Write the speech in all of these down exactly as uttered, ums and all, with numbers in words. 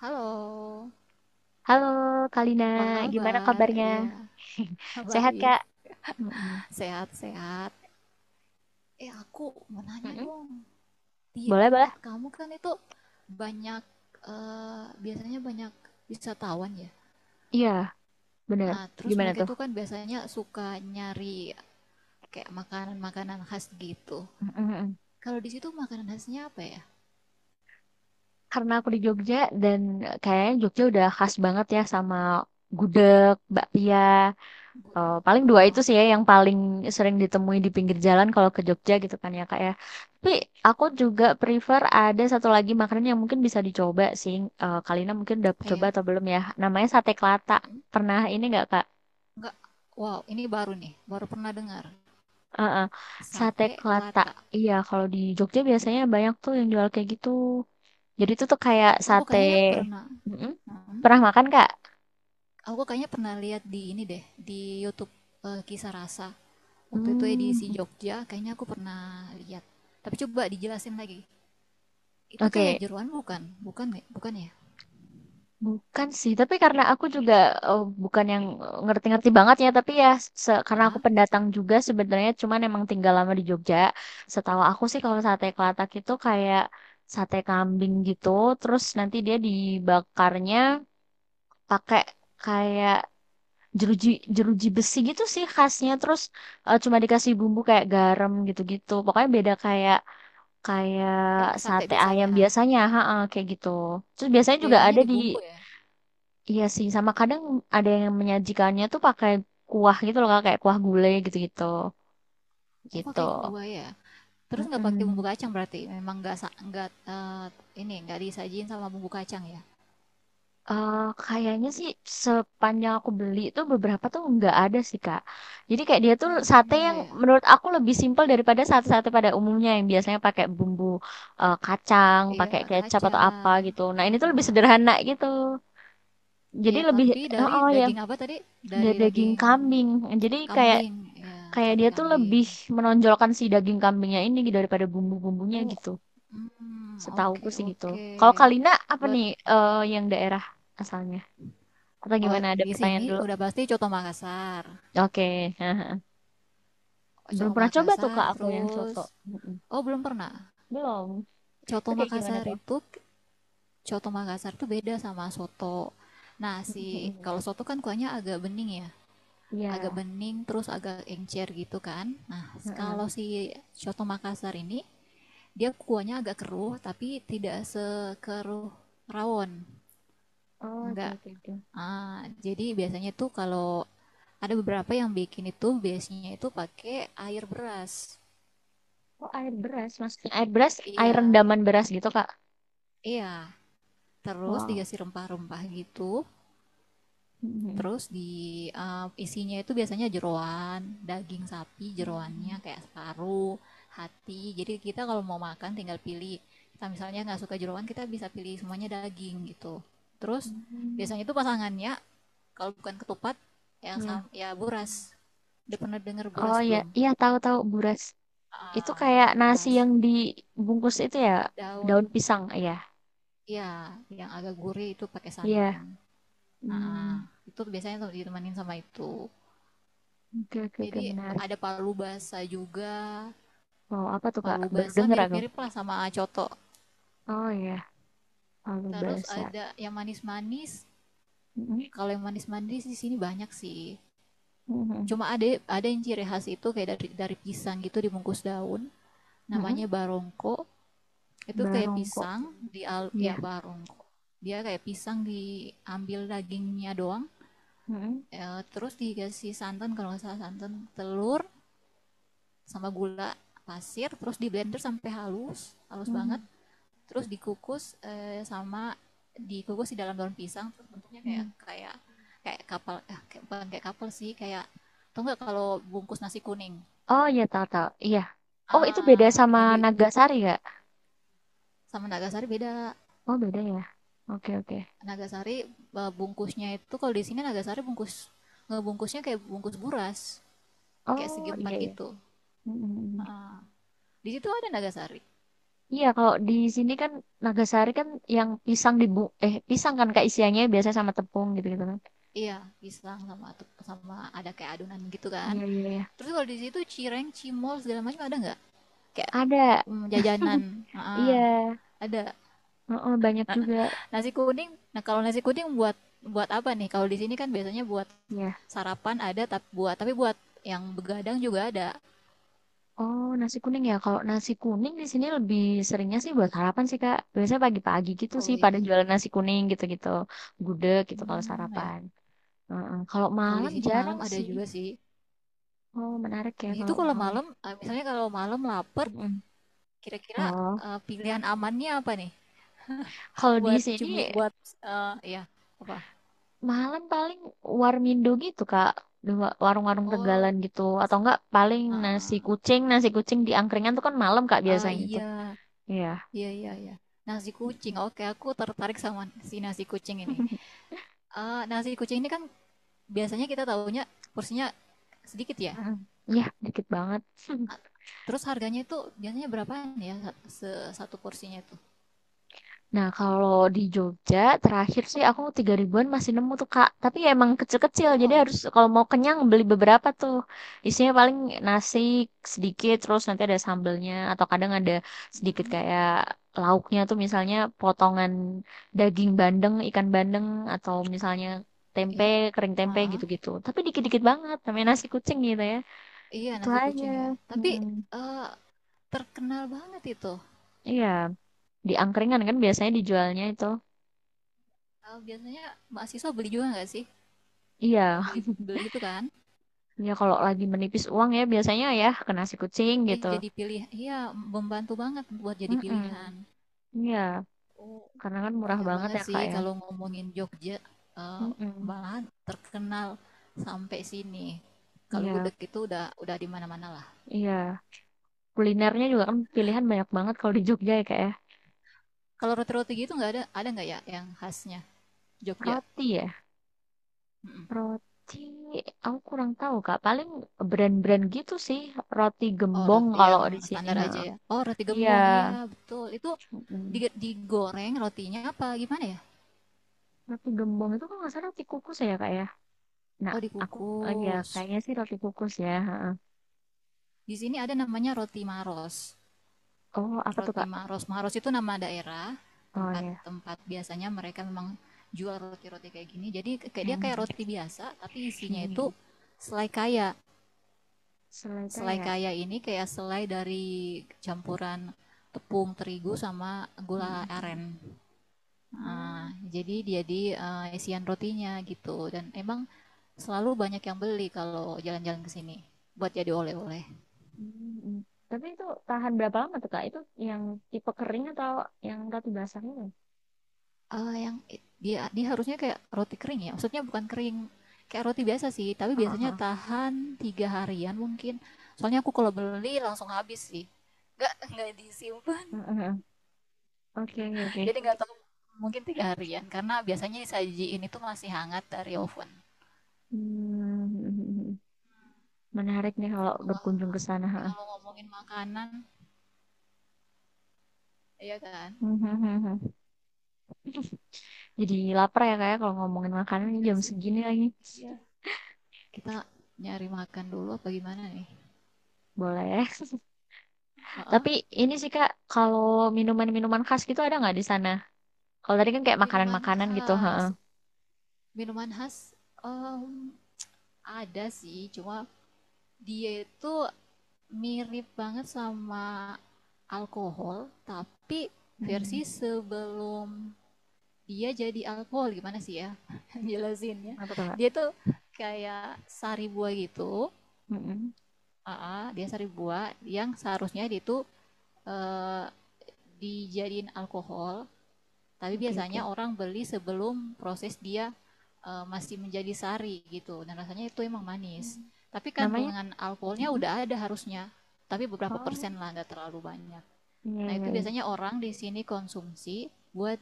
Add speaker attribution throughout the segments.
Speaker 1: Halo,
Speaker 2: Halo Kalina,
Speaker 1: apa
Speaker 2: gimana
Speaker 1: kabar?
Speaker 2: kabarnya?
Speaker 1: Iya,
Speaker 2: Sehat
Speaker 1: baik.
Speaker 2: Kak? Mm-mm.
Speaker 1: Sehat-sehat. Eh, aku mau nanya
Speaker 2: Mm-mm.
Speaker 1: dong. Di
Speaker 2: Boleh, boleh.
Speaker 1: tempat kamu kan itu banyak, eh, biasanya banyak wisatawan ya.
Speaker 2: Iya, bener.
Speaker 1: Ah, terus
Speaker 2: Gimana
Speaker 1: mereka
Speaker 2: tuh?
Speaker 1: itu kan biasanya suka nyari kayak makanan-makanan khas gitu.
Speaker 2: Mm-mm.
Speaker 1: Kalau di situ makanan khasnya apa ya?
Speaker 2: Karena aku di Jogja dan eh, kayaknya Jogja udah khas banget ya sama gudeg, bakpia.
Speaker 1: Bu-
Speaker 2: Eh, paling
Speaker 1: Ah,
Speaker 2: dua itu
Speaker 1: ah,
Speaker 2: sih ya yang paling sering ditemui di pinggir jalan kalau ke Jogja gitu kan ya Kak ya. Tapi aku juga prefer ada satu lagi makanan yang mungkin bisa dicoba sih. Eh, Kalina mungkin udah coba
Speaker 1: iya.
Speaker 2: atau belum ya? Namanya sate kelata.
Speaker 1: Mm.
Speaker 2: Pernah ini nggak Kak?
Speaker 1: Enggak. Wow, ini baru nih. Baru pernah dengar.
Speaker 2: Heeh. Sate
Speaker 1: Sate
Speaker 2: Kelata.
Speaker 1: Kelata.
Speaker 2: Iya, kalau di Jogja biasanya banyak tuh yang jual kayak gitu. Jadi itu tuh kayak
Speaker 1: Aku
Speaker 2: sate.
Speaker 1: kayaknya pernah.
Speaker 2: Mm-mm.
Speaker 1: Hmm.
Speaker 2: Pernah makan, Kak?
Speaker 1: Aku kayaknya pernah lihat di ini deh, di YouTube, eh, Kisah Rasa. Waktu itu edisi
Speaker 2: Hmm,
Speaker 1: Jogja, kayaknya aku pernah lihat. Tapi coba dijelasin lagi. Itu kayak
Speaker 2: oke,
Speaker 1: jeroan bukan? Bukan nggak- bukan ya?
Speaker 2: bukan sih, tapi karena aku juga eh, bukan yang eh, ngerti-ngerti banget ya, tapi ya se- karena aku
Speaker 1: Aa,
Speaker 2: pendatang juga sebenarnya, cuman emang tinggal lama di Jogja. Setahu aku sih kalau sate kelatak itu kayak sate kambing gitu, terus nanti dia dibakarnya pakai kayak jeruji jeruji besi gitu sih khasnya terus eh, cuma dikasih bumbu kayak garam gitu-gitu pokoknya beda kayak kayak
Speaker 1: kayak sate
Speaker 2: sate ayam
Speaker 1: biasanya.
Speaker 2: biasanya ha ha, kayak gitu terus biasanya juga
Speaker 1: Bedanya
Speaker 2: ada
Speaker 1: di
Speaker 2: di
Speaker 1: bumbu ya.
Speaker 2: iya sih sama kadang ada yang menyajikannya tuh pakai kuah gitu loh Kak, kayak kuah gulai gitu-gitu
Speaker 1: Oh,
Speaker 2: gitu
Speaker 1: pakai kuah ya. Terus nggak pakai bumbu
Speaker 2: mm.
Speaker 1: kacang berarti? Memang nggak sa- nggak eh, ini nggak disajin sama bumbu kacang ya?
Speaker 2: Eh, Kayaknya sih sepanjang aku beli tuh beberapa tuh nggak ada sih Kak. Jadi kayak dia tuh sate
Speaker 1: Hmm,
Speaker 2: yang
Speaker 1: iya, iya.
Speaker 2: menurut aku lebih simpel daripada sate-sate pada umumnya yang biasanya pakai bumbu eh, kacang, pakai
Speaker 1: Iya,
Speaker 2: kecap atau apa
Speaker 1: kacang.
Speaker 2: gitu. Nah ini tuh lebih sederhana gitu. Jadi
Speaker 1: Iya,
Speaker 2: lebih
Speaker 1: tapi
Speaker 2: oh,
Speaker 1: dari
Speaker 2: oh ya
Speaker 1: daging apa tadi? Dari
Speaker 2: da- daging
Speaker 1: daging
Speaker 2: kambing. Jadi kayak
Speaker 1: kambing, ya,
Speaker 2: kayak
Speaker 1: sate
Speaker 2: dia tuh lebih
Speaker 1: kambing.
Speaker 2: menonjolkan si daging kambingnya ini gitu daripada bumbu-bumbunya
Speaker 1: Oh,
Speaker 2: gitu.
Speaker 1: hmm,
Speaker 2: Setahuku
Speaker 1: oke
Speaker 2: sih gitu.
Speaker 1: oke.
Speaker 2: Kalau Kalina apa
Speaker 1: Buat
Speaker 2: nih eh, yang daerah asalnya? Atau
Speaker 1: oh,
Speaker 2: gimana? Ada
Speaker 1: di sini
Speaker 2: pertanyaan dulu.
Speaker 1: udah pasti Coto Makassar.
Speaker 2: Oke, haha.
Speaker 1: Coto
Speaker 2: Belum pernah coba tuh
Speaker 1: Makassar
Speaker 2: Kak aku yang
Speaker 1: terus
Speaker 2: soto. Mm-mm.
Speaker 1: oh belum pernah.
Speaker 2: Belum. Itu
Speaker 1: Coto
Speaker 2: kayak gimana
Speaker 1: Makassar
Speaker 2: tuh?
Speaker 1: itu Coto Makassar tuh beda sama soto. Nah, si
Speaker 2: Mm-mm.
Speaker 1: kalau soto kan kuahnya agak bening ya. Agak
Speaker 2: Iya.
Speaker 1: bening terus agak encer gitu kan. Nah,
Speaker 2: Heeh.
Speaker 1: kalau si Coto Makassar ini dia kuahnya agak keruh tapi tidak sekeruh rawon.
Speaker 2: Oh, oke
Speaker 1: Enggak.
Speaker 2: oke oke.
Speaker 1: Ah, jadi biasanya tuh kalau ada beberapa yang bikin itu biasanya itu pakai air beras.
Speaker 2: Oh, air beras, maksudnya air beras, air
Speaker 1: Iya,
Speaker 2: rendaman beras gitu Kak.
Speaker 1: iya. Terus
Speaker 2: Wow.
Speaker 1: dikasih rempah-rempah gitu.
Speaker 2: Mm-mm.
Speaker 1: Terus di eh, isinya itu biasanya jeroan, daging sapi jeroannya
Speaker 2: Hmm.
Speaker 1: kayak separuh, hati. Jadi kita kalau mau makan tinggal pilih. Kita misalnya nggak suka jeroan, kita bisa pilih semuanya daging gitu. Terus
Speaker 2: Hmm.
Speaker 1: biasanya itu pasangannya kalau bukan ketupat ya
Speaker 2: Ya.
Speaker 1: sam ya buras. Udah pernah dengar
Speaker 2: Oh
Speaker 1: buras
Speaker 2: ya,
Speaker 1: belum?
Speaker 2: iya tahu-tahu buras. Itu
Speaker 1: Ah,
Speaker 2: kayak nasi
Speaker 1: buras
Speaker 2: yang dibungkus itu ya,
Speaker 1: daun.
Speaker 2: daun pisang ya.
Speaker 1: Ya, yang agak gurih itu pakai
Speaker 2: Iya.
Speaker 1: santan. Ah,
Speaker 2: Hmm.
Speaker 1: itu biasanya tuh ditemanin sama itu.
Speaker 2: Oke oke oke
Speaker 1: Jadi
Speaker 2: menarik.
Speaker 1: ada palu basah juga.
Speaker 2: Wow, apa tuh Kak?
Speaker 1: Palu
Speaker 2: Baru
Speaker 1: basah
Speaker 2: denger aku.
Speaker 1: mirip-mirip lah sama coto.
Speaker 2: Oh ya, palu
Speaker 1: Terus
Speaker 2: basah.
Speaker 1: ada yang manis-manis. Kalau yang manis-manis di sini banyak sih.
Speaker 2: Mm-mm.
Speaker 1: Cuma ada ada yang ciri khas itu kayak dari dari pisang gitu dibungkus daun.
Speaker 2: Mm-mm.
Speaker 1: Namanya barongko. Itu kayak
Speaker 2: Barongko.
Speaker 1: pisang di al
Speaker 2: Ya,
Speaker 1: ya barongko. Dia kayak pisang diambil dagingnya doang.
Speaker 2: mm-mm.
Speaker 1: eh, terus dikasih santan kalau nggak salah santan, telur sama gula pasir terus di blender sampai halus, halus banget.
Speaker 2: Mhm.
Speaker 1: Terus dikukus eh, sama dikukus di dalam daun pisang terus bentuknya kayak
Speaker 2: Mm.
Speaker 1: kayak kayak kapal eh, kayak, bukan kayak kapal sih kayak tau nggak kalau bungkus nasi kuning
Speaker 2: Oh ya tahu tahu. Iya. Oh itu beda
Speaker 1: ah
Speaker 2: sama
Speaker 1: ini
Speaker 2: Nagasari nggak?
Speaker 1: sama Nagasari beda.
Speaker 2: Oh beda ya. Oke oke.
Speaker 1: Nagasari, eh, bungkusnya itu kalau di sini Nagasari bungkus ngebungkusnya kayak bungkus buras kayak segi
Speaker 2: Oh iya
Speaker 1: empat
Speaker 2: iya.
Speaker 1: gitu.
Speaker 2: Mm-mm.
Speaker 1: Heeh. Di situ ada Nagasari,
Speaker 2: Iya kalau di sini kan Nagasari kan yang pisang dibu eh pisang kan kak isiannya biasanya sama tepung gitu gitu kan.
Speaker 1: iya pisang sama sama ada kayak adonan gitu kan.
Speaker 2: Iya iya iya.
Speaker 1: Terus kalau di situ cireng cimol segala macam ada nggak kayak
Speaker 2: Ada.
Speaker 1: mm, jajanan. Heeh,
Speaker 2: Iya.
Speaker 1: ada
Speaker 2: Oh banyak juga.
Speaker 1: nasi kuning. Nah kalau nasi kuning buat buat apa nih kalau di sini kan biasanya buat
Speaker 2: Ya.
Speaker 1: sarapan ada tapi buat tapi buat yang begadang juga ada.
Speaker 2: Oh, nasi kuning ya. Kalau nasi kuning di sini lebih seringnya sih buat sarapan sih, Kak. Biasanya pagi-pagi gitu
Speaker 1: Oh
Speaker 2: sih pada
Speaker 1: iya.
Speaker 2: jualan nasi kuning gitu-gitu. Gudeg gitu kalau
Speaker 1: Hmm ya.
Speaker 2: sarapan. Heeh. Kalau
Speaker 1: Kalau di
Speaker 2: malam
Speaker 1: sini
Speaker 2: jarang
Speaker 1: malam ada
Speaker 2: sih.
Speaker 1: juga sih.
Speaker 2: Oh, menarik ya
Speaker 1: Jadi itu
Speaker 2: kalau
Speaker 1: kalau
Speaker 2: malam.
Speaker 1: malam, eh, misalnya kalau malam lapar,
Speaker 2: Mm.
Speaker 1: kira-kira
Speaker 2: Oh,
Speaker 1: eh, pilihan amannya apa nih?
Speaker 2: kalau di
Speaker 1: Buat
Speaker 2: sini
Speaker 1: cumi, buat eh ya apa?
Speaker 2: malam paling warmindo gitu, Kak. Di wa- Warung-warung
Speaker 1: Oh,
Speaker 2: Tegalan gitu. Atau enggak paling nasi
Speaker 1: ah,
Speaker 2: kucing. Nasi kucing di angkringan tuh kan malam, Kak,
Speaker 1: ah,
Speaker 2: biasanya tuh.
Speaker 1: iya,
Speaker 2: Iya.
Speaker 1: iya, iya, iya. Nasi kucing. Oke, aku tertarik sama si nasi kucing ini. Ah, nasi kucing ini kan biasanya kita tahunya porsinya sedikit ya.
Speaker 2: Ya, dikit banget.
Speaker 1: Ah, terus harganya itu biasanya berapaan ya sa- se- satu porsinya itu?
Speaker 2: Nah, kalau di Jogja terakhir sih aku tiga ribuan masih nemu tuh Kak. Tapi ya emang kecil-kecil, jadi
Speaker 1: Wow.
Speaker 2: harus kalau mau kenyang beli beberapa tuh. Isinya paling nasi sedikit, terus nanti ada sambelnya atau kadang ada sedikit
Speaker 1: Mm,
Speaker 2: kayak lauknya tuh misalnya potongan daging bandeng, ikan bandeng atau misalnya tempe,
Speaker 1: ya.
Speaker 2: kering
Speaker 1: Ah,
Speaker 2: tempe
Speaker 1: ah.
Speaker 2: gitu-gitu. Tapi dikit-dikit banget, namanya
Speaker 1: Oh,
Speaker 2: nasi kucing gitu ya.
Speaker 1: iya
Speaker 2: Itu
Speaker 1: nasi
Speaker 2: aja.
Speaker 1: kucing ya. Tapi
Speaker 2: Mm-mm.
Speaker 1: eh, terkenal banget itu.
Speaker 2: Iya, di angkringan kan biasanya dijualnya itu.
Speaker 1: Kalau biasanya mahasiswa beli juga nggak sih?
Speaker 2: Iya.
Speaker 1: Beli beli itu kan?
Speaker 2: Ya kalau lagi menipis uang ya biasanya ya ke nasi kucing
Speaker 1: Ya
Speaker 2: gitu.
Speaker 1: jadi pilih, iya membantu banget buat jadi pilihan.
Speaker 2: Mm-mm. Iya,
Speaker 1: Oh,
Speaker 2: karena kan murah
Speaker 1: banyak
Speaker 2: banget
Speaker 1: banget
Speaker 2: ya
Speaker 1: sih
Speaker 2: Kak ya.
Speaker 1: kalau ngomongin Jogja, eh,
Speaker 2: Mm-mm.
Speaker 1: malahan terkenal sampai sini. Kalau
Speaker 2: Iya,
Speaker 1: gudeg itu udah udah di mana-mana lah.
Speaker 2: iya. Kulinernya juga kan pilihan banyak banget kalau di Jogja ya Kak ya.
Speaker 1: Kalau roti-roti gitu nggak ada ada nggak ya yang khasnya Jogja?
Speaker 2: Roti ya,
Speaker 1: Mm-mm.
Speaker 2: roti aku kurang tahu Kak. Paling brand-brand gitu sih, roti
Speaker 1: Oh,
Speaker 2: gembong
Speaker 1: roti
Speaker 2: kalau
Speaker 1: yang
Speaker 2: di sini.
Speaker 1: standar
Speaker 2: Ha.
Speaker 1: aja ya. Oh, roti
Speaker 2: Iya.
Speaker 1: gembong. Iya, betul. Itu
Speaker 2: Mm-mm.
Speaker 1: di- digoreng rotinya apa gimana ya?
Speaker 2: Roti gembong itu kan nggak salah roti kukus ya Kak ya. Nah,
Speaker 1: Oh,
Speaker 2: aku eh, ya
Speaker 1: dikukus.
Speaker 2: kayaknya sih roti kukus ya. Ha.
Speaker 1: Di sini ada namanya roti Maros.
Speaker 2: Oh, apa tuh
Speaker 1: Roti
Speaker 2: Kak?
Speaker 1: Maros. Maros itu nama daerah,
Speaker 2: Oh
Speaker 1: tempat-tempat biasanya mereka memang jual roti-roti kayak gini. Jadi kayak
Speaker 2: ya.
Speaker 1: dia kayak roti biasa, tapi isinya itu
Speaker 2: Hmm,
Speaker 1: selai kaya.
Speaker 2: selai
Speaker 1: Selai
Speaker 2: kayak.
Speaker 1: kaya ini kayak selai dari campuran tepung terigu sama
Speaker 2: Hmm,
Speaker 1: gula
Speaker 2: hmm, hmm.
Speaker 1: aren. Nah,
Speaker 2: Oh,
Speaker 1: jadi dia di eh, isian rotinya gitu. Dan emang selalu banyak yang beli kalau jalan-jalan ke sini buat jadi oleh-oleh.
Speaker 2: hmm, hmm. Tapi itu tahan berapa lama tuh Kak? Itu yang tipe kering atau yang roti basahnya?
Speaker 1: Eh, yang i- dia dia harusnya kayak roti kering ya. Maksudnya bukan kering kayak roti biasa sih, tapi
Speaker 2: Oh, oh,
Speaker 1: biasanya
Speaker 2: oh.
Speaker 1: tahan tiga harian mungkin. Soalnya aku kalau beli langsung habis sih. Nggak nggak disimpan.
Speaker 2: Hmm, hmm, hmm. Oke, oke, oke.
Speaker 1: Jadi nggak tahu mungkin tiga harian karena biasanya disajiin itu masih hangat dari oven.
Speaker 2: Hmm, hmm, hmm. Menarik nih kalau
Speaker 1: Wah,
Speaker 2: berkunjung ke sana.
Speaker 1: tapi
Speaker 2: Ha.
Speaker 1: kalau ngomongin makanan, iya kan?
Speaker 2: Hmm, hmm, hmm, hmm. Jadi lapar ya kayak kalau ngomongin makanan ini
Speaker 1: Iya
Speaker 2: jam
Speaker 1: sih.
Speaker 2: segini lagi.
Speaker 1: Iya. Kita nyari makan dulu apa gimana nih?
Speaker 2: Boleh.
Speaker 1: Heeh.
Speaker 2: Tapi ini sih Kak, kalau minuman-minuman khas gitu ada nggak di sana? Kalau tadi kan kayak
Speaker 1: Minuman
Speaker 2: makanan-makanan gitu. Ha.
Speaker 1: khas. Minuman khas em, ada sih, cuma dia itu mirip banget sama alkohol, tapi
Speaker 2: Hmm.
Speaker 1: versi sebelum dia jadi alkohol gimana sih ya jelasinnya
Speaker 2: Apa tuh Kak?
Speaker 1: dia tuh kayak sari buah gitu.
Speaker 2: Hmm, hmm.
Speaker 1: Aa, dia sari buah yang seharusnya dia tuh eh, dijadiin alkohol. Tapi
Speaker 2: Oke,
Speaker 1: biasanya
Speaker 2: oke.
Speaker 1: orang beli sebelum proses dia uh, masih menjadi sari gitu. Dan rasanya itu emang manis. Tapi
Speaker 2: Namanya?
Speaker 1: kandungan alkoholnya
Speaker 2: Mm,
Speaker 1: udah ada harusnya. Tapi beberapa
Speaker 2: oh,
Speaker 1: persen lah, nggak terlalu banyak.
Speaker 2: iya,
Speaker 1: Nah
Speaker 2: iya,
Speaker 1: itu
Speaker 2: iya.
Speaker 1: biasanya orang di sini konsumsi buat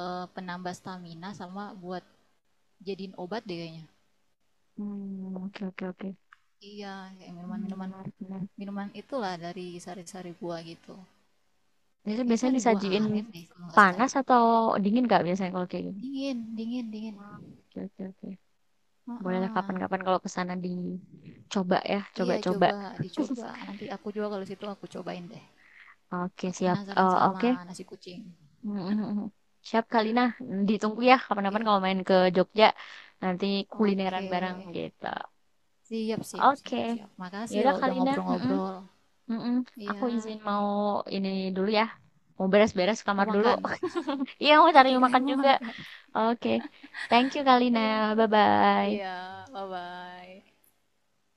Speaker 1: uh, penambah stamina sama buat jadiin obat deh kayaknya.
Speaker 2: Hmm, oke, oke, oke.
Speaker 1: Iya, kayak
Speaker 2: Hmm,
Speaker 1: minuman-minuman
Speaker 2: menarik, menarik.
Speaker 1: minuman itulah dari sari-sari buah gitu.
Speaker 2: Itu
Speaker 1: Kayaknya
Speaker 2: biasanya
Speaker 1: sari buah
Speaker 2: disajiin
Speaker 1: aren deh kalau nggak
Speaker 2: panas
Speaker 1: salah.
Speaker 2: atau dingin nggak biasanya kalau kayak gini?
Speaker 1: Dingin, dingin, dingin.
Speaker 2: Wah, oke, oke, oke.
Speaker 1: Uh
Speaker 2: Bolehlah
Speaker 1: -uh.
Speaker 2: kapan-kapan kalau ke sana dicoba ya,
Speaker 1: Iya,
Speaker 2: coba-coba.
Speaker 1: coba dicoba. Ah, nanti aku juga kalau situ aku cobain deh.
Speaker 2: Oke,
Speaker 1: Aku
Speaker 2: siap. Eh,
Speaker 1: penasaran sama
Speaker 2: oke.
Speaker 1: nasi kucing.
Speaker 2: Mm, mm, mm, mm. Siap, Kalina. Ditunggu ya kapan-kapan
Speaker 1: Iya.
Speaker 2: kalau main ke Jogja. Nanti kulineran
Speaker 1: Oke.
Speaker 2: bareng gitu.
Speaker 1: Siap, siap,
Speaker 2: Oke.
Speaker 1: siap, siap. Makasih
Speaker 2: Yaudah,
Speaker 1: loh udah
Speaker 2: Kalina. Mm, mm.
Speaker 1: ngobrol-ngobrol.
Speaker 2: Mm-mm. Aku
Speaker 1: Iya,
Speaker 2: izin mau ini dulu ya. Mau beres-beres
Speaker 1: mau
Speaker 2: kamar dulu.
Speaker 1: makan.
Speaker 2: Iya, mau cari
Speaker 1: Oke, kalian
Speaker 2: makan
Speaker 1: mau
Speaker 2: juga.
Speaker 1: makan.
Speaker 2: Oke. Thank you, Kalina.
Speaker 1: Iya, oke. Iya,
Speaker 2: Bye-bye.
Speaker 1: bye-bye.